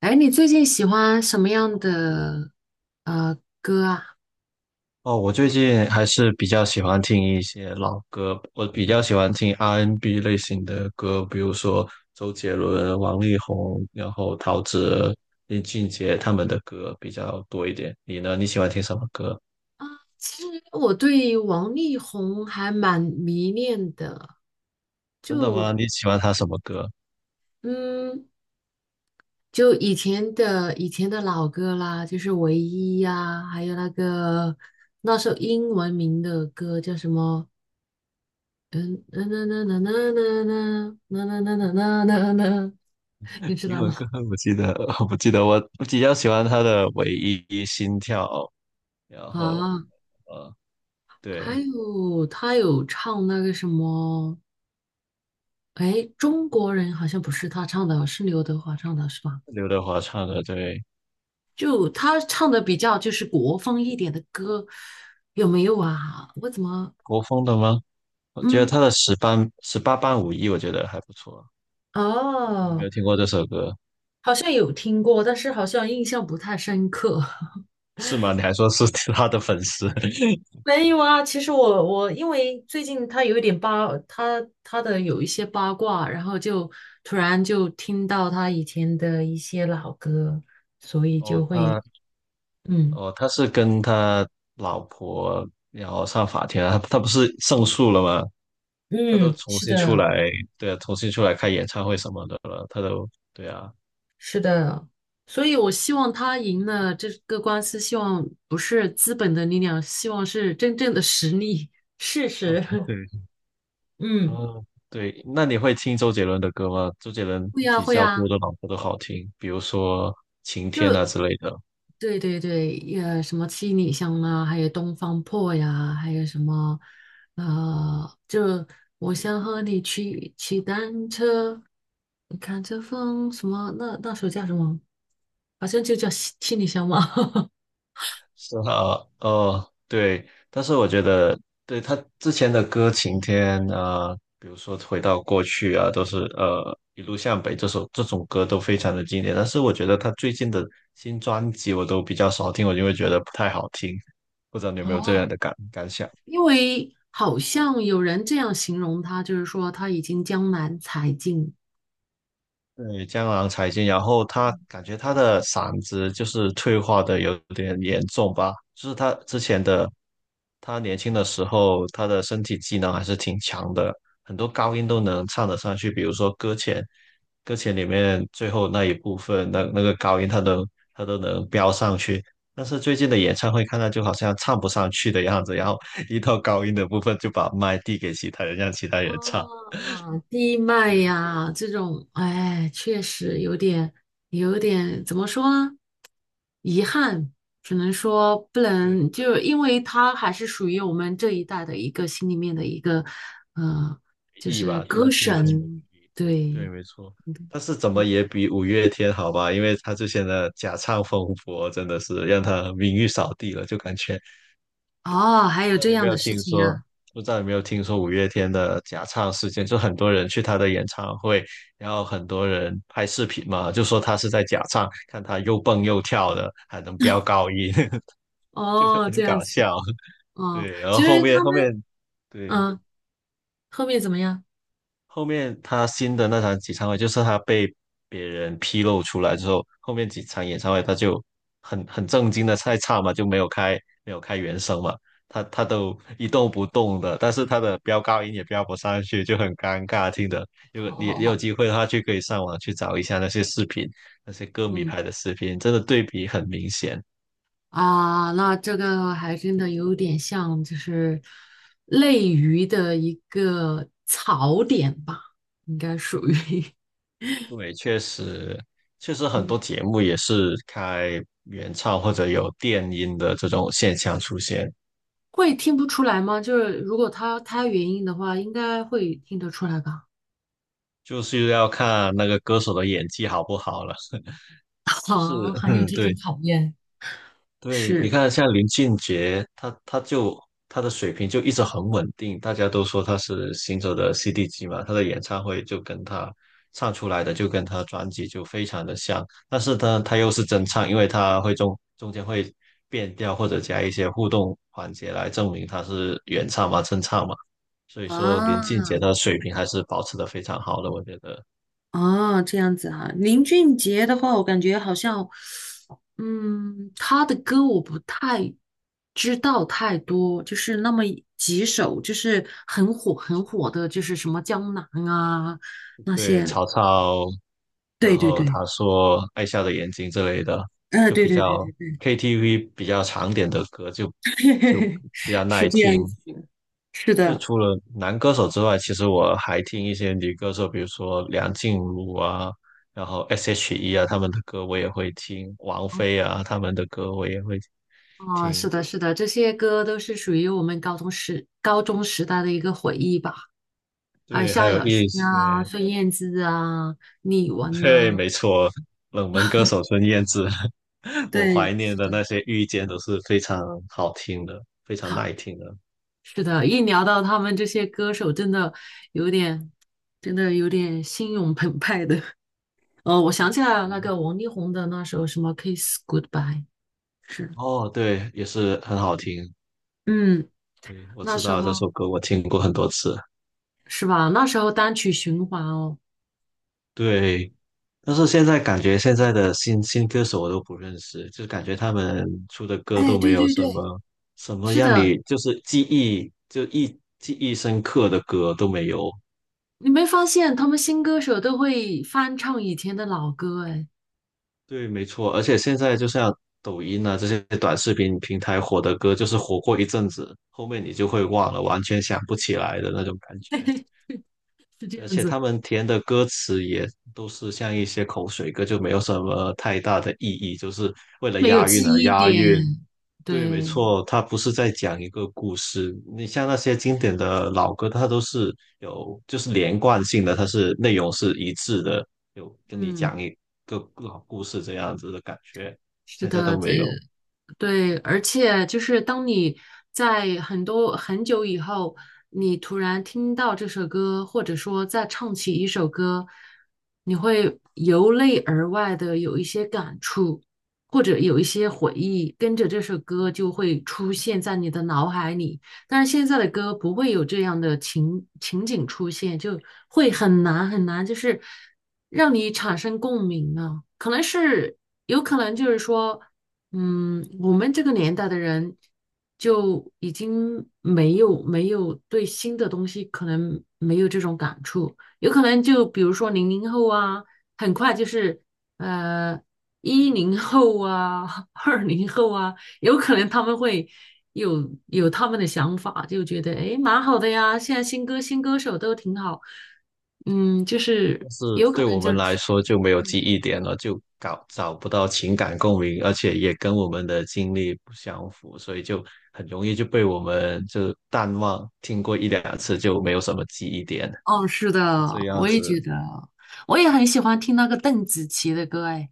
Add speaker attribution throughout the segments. Speaker 1: 哎，你最近喜欢什么样的歌啊？
Speaker 2: 哦，我最近还是比较喜欢听一些老歌，我比较喜欢听 R&B n 类型的歌，比如说周杰伦、王力宏，然后陶喆、林俊杰他们的歌比较多一点。你呢？你喜欢听什么歌？
Speaker 1: 啊，其实我对王力宏还蛮迷恋的，
Speaker 2: 真的
Speaker 1: 就
Speaker 2: 吗？你喜欢他什么歌？
Speaker 1: 嗯，就以前的老歌啦，就是《唯一》呀，还有那首英文名的歌叫什么？嗯，嗯嗯嗯嗯嗯嗯那，你 知
Speaker 2: 英
Speaker 1: 道吗？
Speaker 2: 文歌，我记得，我记得我比较喜欢他的《唯一心跳》，然后
Speaker 1: 啊，
Speaker 2: 呃，
Speaker 1: 还
Speaker 2: 对，
Speaker 1: 有他有唱那个什么。哎，中国人好像不是他唱的，是刘德华唱的，是吧？
Speaker 2: 刘德华唱的，对，
Speaker 1: 就他唱的比较就是国风一点的歌，有没有啊？我怎么，
Speaker 2: 国风的吗？我觉得
Speaker 1: 嗯，
Speaker 2: 他的十班十八般武艺，我觉得还不错。你没
Speaker 1: 哦，
Speaker 2: 有听过这首歌
Speaker 1: 好像有听过，但是好像印象不太深刻。
Speaker 2: 是吗？你还说是他的粉丝？
Speaker 1: 没有啊，其实我因为最近他有一点八，他的有一些八卦，然后就突然就听到他以前的一些老歌，所以就
Speaker 2: 哦，
Speaker 1: 会，
Speaker 2: 他
Speaker 1: 嗯
Speaker 2: 哦，他是跟他老婆然后上法庭啊，他不是胜诉了吗？他都
Speaker 1: 嗯，
Speaker 2: 重
Speaker 1: 是
Speaker 2: 新出
Speaker 1: 的。
Speaker 2: 来，对啊，重新出来开演唱会什么的了，对啊，
Speaker 1: 是的，所以我希望他赢了这个官司，希望不是资本的力量，希望是真正的实力、事
Speaker 2: 哦，
Speaker 1: 实。
Speaker 2: 对，
Speaker 1: 嗯，
Speaker 2: 哦，对，那你会听周杰伦的歌吗？周杰伦
Speaker 1: 会呀，
Speaker 2: 比
Speaker 1: 会
Speaker 2: 较
Speaker 1: 呀，
Speaker 2: 多的老婆都好听，比如说《晴天》
Speaker 1: 就
Speaker 2: 啊之类的。
Speaker 1: 对对对，也什么七里香啊，还有东方破呀，还有什么，就我想和你去骑单车，你看这风什么，那候叫什么？好像就叫七里香嘛。
Speaker 2: 是啊，哦，对，但是我觉得，对他之前的歌《晴天》啊，比如说《回到过去》啊，都是一路向北这首这种歌都非常的经典。但是我觉得他最近的新专辑我都比较少听，我就会觉得不太好听。不知道你有没有这
Speaker 1: 哦，
Speaker 2: 样的感想？
Speaker 1: 因为好像有人这样形容他，就是说他已经江南才尽
Speaker 2: 对，江郎才尽，然后他感觉他的嗓子就是退化的有点严重吧，就是他之前的，他年轻的时候，他的身体机能还是挺强的，很多高音都能唱得上去，比如说《搁浅》，《搁浅》里面最后那一部分，那个高音他都能飙上去，但是最近的演唱会看他就好像唱不上去的样子，然后 一到高音的部分就把麦递给其他人，让其他人唱，
Speaker 1: 啊，低脉
Speaker 2: 对
Speaker 1: 呀这种，哎，确实有点，有点怎么说呢？遗憾，只能说不
Speaker 2: 对，
Speaker 1: 能，就因为他还是属于我们这一代的一个心里面的一个，呃，就
Speaker 2: 艺
Speaker 1: 是
Speaker 2: 吧，就
Speaker 1: 歌
Speaker 2: 是清轩的回
Speaker 1: 神，
Speaker 2: 忆。对对，
Speaker 1: 对，
Speaker 2: 没错。
Speaker 1: 嗯
Speaker 2: 但是怎么也比五月天好吧，因为他之前的假唱风波真的是让他名誉扫地了，就感觉。
Speaker 1: 哦，还有
Speaker 2: 不知道
Speaker 1: 这
Speaker 2: 你有没
Speaker 1: 样的
Speaker 2: 有
Speaker 1: 事
Speaker 2: 听
Speaker 1: 情
Speaker 2: 说？
Speaker 1: 啊，
Speaker 2: 不知道有没有听说五月天的假唱事件？就很多人去他的演唱会，然后很多人拍视频嘛，就说他是在假唱，看他又蹦又跳的，还能飙高音，就很
Speaker 1: 哦，这样
Speaker 2: 搞
Speaker 1: 子的，
Speaker 2: 笑。
Speaker 1: 哦，
Speaker 2: 对，然后
Speaker 1: 其实
Speaker 2: 后面
Speaker 1: 他们。
Speaker 2: 对
Speaker 1: 嗯。后面怎么样？
Speaker 2: 他新的那场演唱会，就是他被别人披露出来之后，后面几场演唱会他就很正经的在唱嘛，就没有开原声嘛，他都一动不动的，但是他的飙高音也飙不上去，就很尴尬听的。如果
Speaker 1: 好
Speaker 2: 你也
Speaker 1: 好
Speaker 2: 有
Speaker 1: 好，
Speaker 2: 机会的话，就可以上网去找一下那些视频，那些歌迷
Speaker 1: 嗯
Speaker 2: 拍的视频，真的对比很明显。
Speaker 1: 啊，那这个还真的有点像，就是类鱼的一个槽点吧，应该属于
Speaker 2: 对，确实。确实，很多
Speaker 1: 嗯，
Speaker 2: 节目也是开原唱或者有电音的这种现象出现。
Speaker 1: 会听不出来吗？就是如果他原因的话，应该会听得出来吧？
Speaker 2: 就是要看那个歌手的演技好不好了。是，
Speaker 1: 啊，还有
Speaker 2: 嗯，
Speaker 1: 这种
Speaker 2: 对
Speaker 1: 考验，
Speaker 2: 对，你
Speaker 1: 是
Speaker 2: 看像林俊杰，他的水平就一直很稳定，大家都说他是行走的 CD 机嘛，他的演唱会就跟他唱出来的就跟他专辑就非常的像，但是呢，他又是真唱，因为他会中间会变调或者加一些互动环节来证明他是原唱嘛，真唱嘛，所以说林俊杰
Speaker 1: 啊
Speaker 2: 的水平还是保持的非常好的，我觉得。
Speaker 1: 啊，这样子啊，林俊杰的话，我感觉好像。嗯，他的歌我不太知道太多，就是那么几首，就是很火很火的，就是什么江南啊那
Speaker 2: 对，
Speaker 1: 些。
Speaker 2: 曹操然
Speaker 1: 对对
Speaker 2: 后
Speaker 1: 对，
Speaker 2: 他说《爱笑的眼睛》之类的，
Speaker 1: 嗯，
Speaker 2: 就
Speaker 1: 对
Speaker 2: 比
Speaker 1: 对对
Speaker 2: 较
Speaker 1: 对，
Speaker 2: KTV 比较长点的歌就 比较
Speaker 1: 是
Speaker 2: 耐
Speaker 1: 这
Speaker 2: 听。
Speaker 1: 样子的，是
Speaker 2: 就
Speaker 1: 的。
Speaker 2: 除了男歌手之外，其实我还听一些女歌手，比如说梁静茹啊，然后 S.H.E 啊，他们的歌我也会听，王菲啊，他们的歌我也会
Speaker 1: 啊，是
Speaker 2: 听。
Speaker 1: 的，是的，这些歌都是属于我们高中时代的一个回忆吧。还有
Speaker 2: 对，还
Speaker 1: 萧
Speaker 2: 有
Speaker 1: 亚轩
Speaker 2: 一
Speaker 1: 啊、
Speaker 2: 些，
Speaker 1: 孙燕姿啊、李玟
Speaker 2: 对，
Speaker 1: 呐、
Speaker 2: 没错，冷门歌手孙燕姿，我怀
Speaker 1: 对，
Speaker 2: 念
Speaker 1: 是
Speaker 2: 的
Speaker 1: 的。
Speaker 2: 那些遇见都是非常好听的，非常耐听的。
Speaker 1: 是的，一聊到他们这些歌手，真的有点，心涌澎湃的。哦，我想起来了，那个王力宏的那首什么《Kiss Goodbye》，是，
Speaker 2: 哦，对，也是很好听。
Speaker 1: 嗯，
Speaker 2: 对，我
Speaker 1: 那
Speaker 2: 知
Speaker 1: 时
Speaker 2: 道这
Speaker 1: 候
Speaker 2: 首歌，我听过很多次。
Speaker 1: 是吧？那时候单曲循环哦。
Speaker 2: 对，但是现在感觉现在的新歌手我都不认识，就感觉他们出的歌
Speaker 1: 哎，
Speaker 2: 都没
Speaker 1: 对
Speaker 2: 有
Speaker 1: 对
Speaker 2: 什
Speaker 1: 对，
Speaker 2: 么
Speaker 1: 是
Speaker 2: 让你
Speaker 1: 的，
Speaker 2: 就是记忆深刻的歌都没有。
Speaker 1: 你没发现他们新歌手都会翻唱以前的老歌？哎，
Speaker 2: 对，没错。而且现在就像抖音啊这些短视频平台火的歌，就是火过一阵子，后面你就会忘了，完全想不起来的那种感觉。
Speaker 1: 是这
Speaker 2: 而
Speaker 1: 样
Speaker 2: 且
Speaker 1: 子，
Speaker 2: 他们填的歌词也都是像一些口水歌，就没有什么太大的意义，就是为了
Speaker 1: 没有
Speaker 2: 押
Speaker 1: 记
Speaker 2: 韵而
Speaker 1: 忆
Speaker 2: 押
Speaker 1: 点。
Speaker 2: 韵。对，没
Speaker 1: 对，
Speaker 2: 错，它不是在讲一个故事。你像那些经典的老歌，它都是有就是连贯性的，它是内容是一致的，有跟你
Speaker 1: 嗯，
Speaker 2: 讲一个老故事这样子的感觉，
Speaker 1: 是
Speaker 2: 现在
Speaker 1: 的，
Speaker 2: 都没有。
Speaker 1: 对，而且就是当你在很多很久以后，你突然听到这首歌，或者说再唱起一首歌，你会由内而外的有一些感触，或者有一些回忆，跟着这首歌就会出现在你的脑海里。但是现在的歌不会有这样的情景出现，就会很难很难，就是让你产生共鸣啊。可能是有可能就是说。嗯，我们这个年代的人就已经没有对新的东西可能没有这种感触，有可能就比如说00后啊，很快就是呃10后啊、20后啊，有可能他们会有他们的想法，就觉得诶蛮好的呀，现在新歌手都挺好，嗯，就是
Speaker 2: 但是
Speaker 1: 有可
Speaker 2: 对我
Speaker 1: 能就
Speaker 2: 们来
Speaker 1: 是。
Speaker 2: 说就没有记
Speaker 1: 嗯。
Speaker 2: 忆点了，就搞找不到情感共鸣，而且也跟我们的经历不相符，所以就很容易就被我们就淡忘，听过一两次就没有什么记忆点，
Speaker 1: 哦，是
Speaker 2: 是
Speaker 1: 的，
Speaker 2: 这样
Speaker 1: 我也觉
Speaker 2: 子。
Speaker 1: 得，我也很喜欢听那个邓紫棋的歌，哎，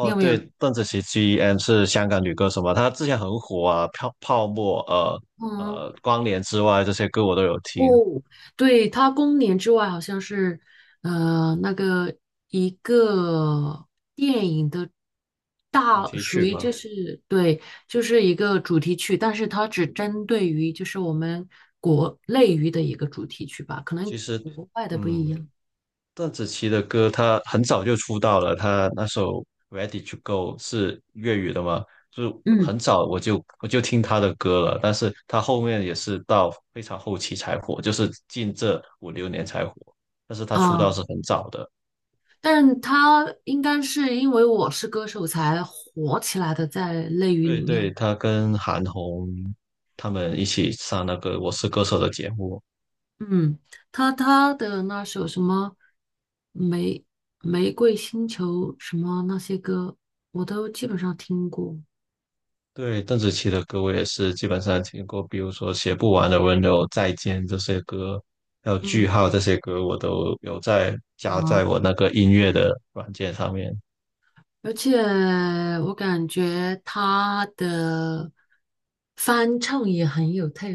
Speaker 1: 你有没有？
Speaker 2: 对，邓紫棋 GEM 是香港女歌手嘛，她之前很火啊，泡沫，
Speaker 1: 嗯，
Speaker 2: 光年之外这些歌我都有听，
Speaker 1: 哦，对，她《公年之外》好像是，那个一个电影的
Speaker 2: 主
Speaker 1: 大，
Speaker 2: 题
Speaker 1: 属
Speaker 2: 曲
Speaker 1: 于就
Speaker 2: 嘛。
Speaker 1: 是对，就是一个主题曲，但是它只针对于就是我们国内娱的一个主题曲吧，可能
Speaker 2: 其实，
Speaker 1: 国外的不一
Speaker 2: 嗯，
Speaker 1: 样。
Speaker 2: 邓紫棋的歌，她很早就出道了，她那首《Ready to Go》是粤语的嘛，就
Speaker 1: 嗯，
Speaker 2: 很早我就听她的歌了，但是她后面也是到非常后期才火，就是近这五六年才火，但是她出道是
Speaker 1: 啊。
Speaker 2: 很早的。
Speaker 1: 但是他应该是因为我是歌手才火起来的，在内娱里
Speaker 2: 对对，
Speaker 1: 面，
Speaker 2: 她跟韩红他们一起上那个《我是歌手》的节目，
Speaker 1: 嗯，他的那首什么玫玫瑰星球什么那些歌，我都基本上听过，
Speaker 2: 对，邓紫棋的歌我也是基本上听过，比如说《写不完的温柔》《再见》这些歌，还有
Speaker 1: 嗯
Speaker 2: 《句号》这些歌，我都有在加在
Speaker 1: 啊，
Speaker 2: 我那个音乐的软件上面。
Speaker 1: 而且我感觉他的翻唱也很有特，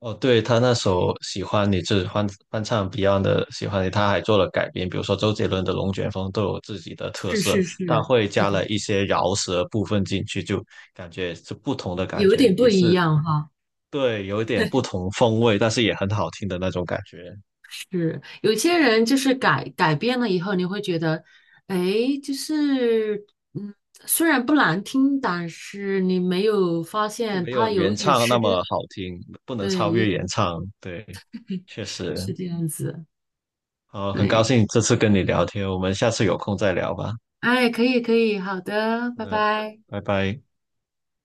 Speaker 2: 哦，对，他那首《喜欢你》就是翻唱 Beyond 的《喜欢你》，他还做了改编，比如说周杰伦的《龙卷风》都有自己的特
Speaker 1: 是
Speaker 2: 色，
Speaker 1: 是是
Speaker 2: 他会
Speaker 1: 是
Speaker 2: 加
Speaker 1: 的，
Speaker 2: 了一些饶舌部分进去，就感觉是不同的感
Speaker 1: 有
Speaker 2: 觉，
Speaker 1: 点不
Speaker 2: 也
Speaker 1: 一
Speaker 2: 是
Speaker 1: 样哈。
Speaker 2: 对，有一点不同风味，但是也很好听的那种感觉。
Speaker 1: 是，有些人就是改变了以后，你会觉得，哎，就是嗯，虽然不难听，但是你没有发
Speaker 2: 就
Speaker 1: 现
Speaker 2: 没
Speaker 1: 他
Speaker 2: 有
Speaker 1: 有
Speaker 2: 原
Speaker 1: 一点
Speaker 2: 唱
Speaker 1: 失
Speaker 2: 那
Speaker 1: 真，
Speaker 2: 么好听，不能
Speaker 1: 对，
Speaker 2: 超越原唱。对，确实，
Speaker 1: 是这样子，
Speaker 2: 好，很高
Speaker 1: 对，
Speaker 2: 兴这次跟你聊天，我们下次有空再聊吧。
Speaker 1: 哎，可以可以，好的，
Speaker 2: 好
Speaker 1: 拜
Speaker 2: 的，
Speaker 1: 拜。
Speaker 2: 拜拜。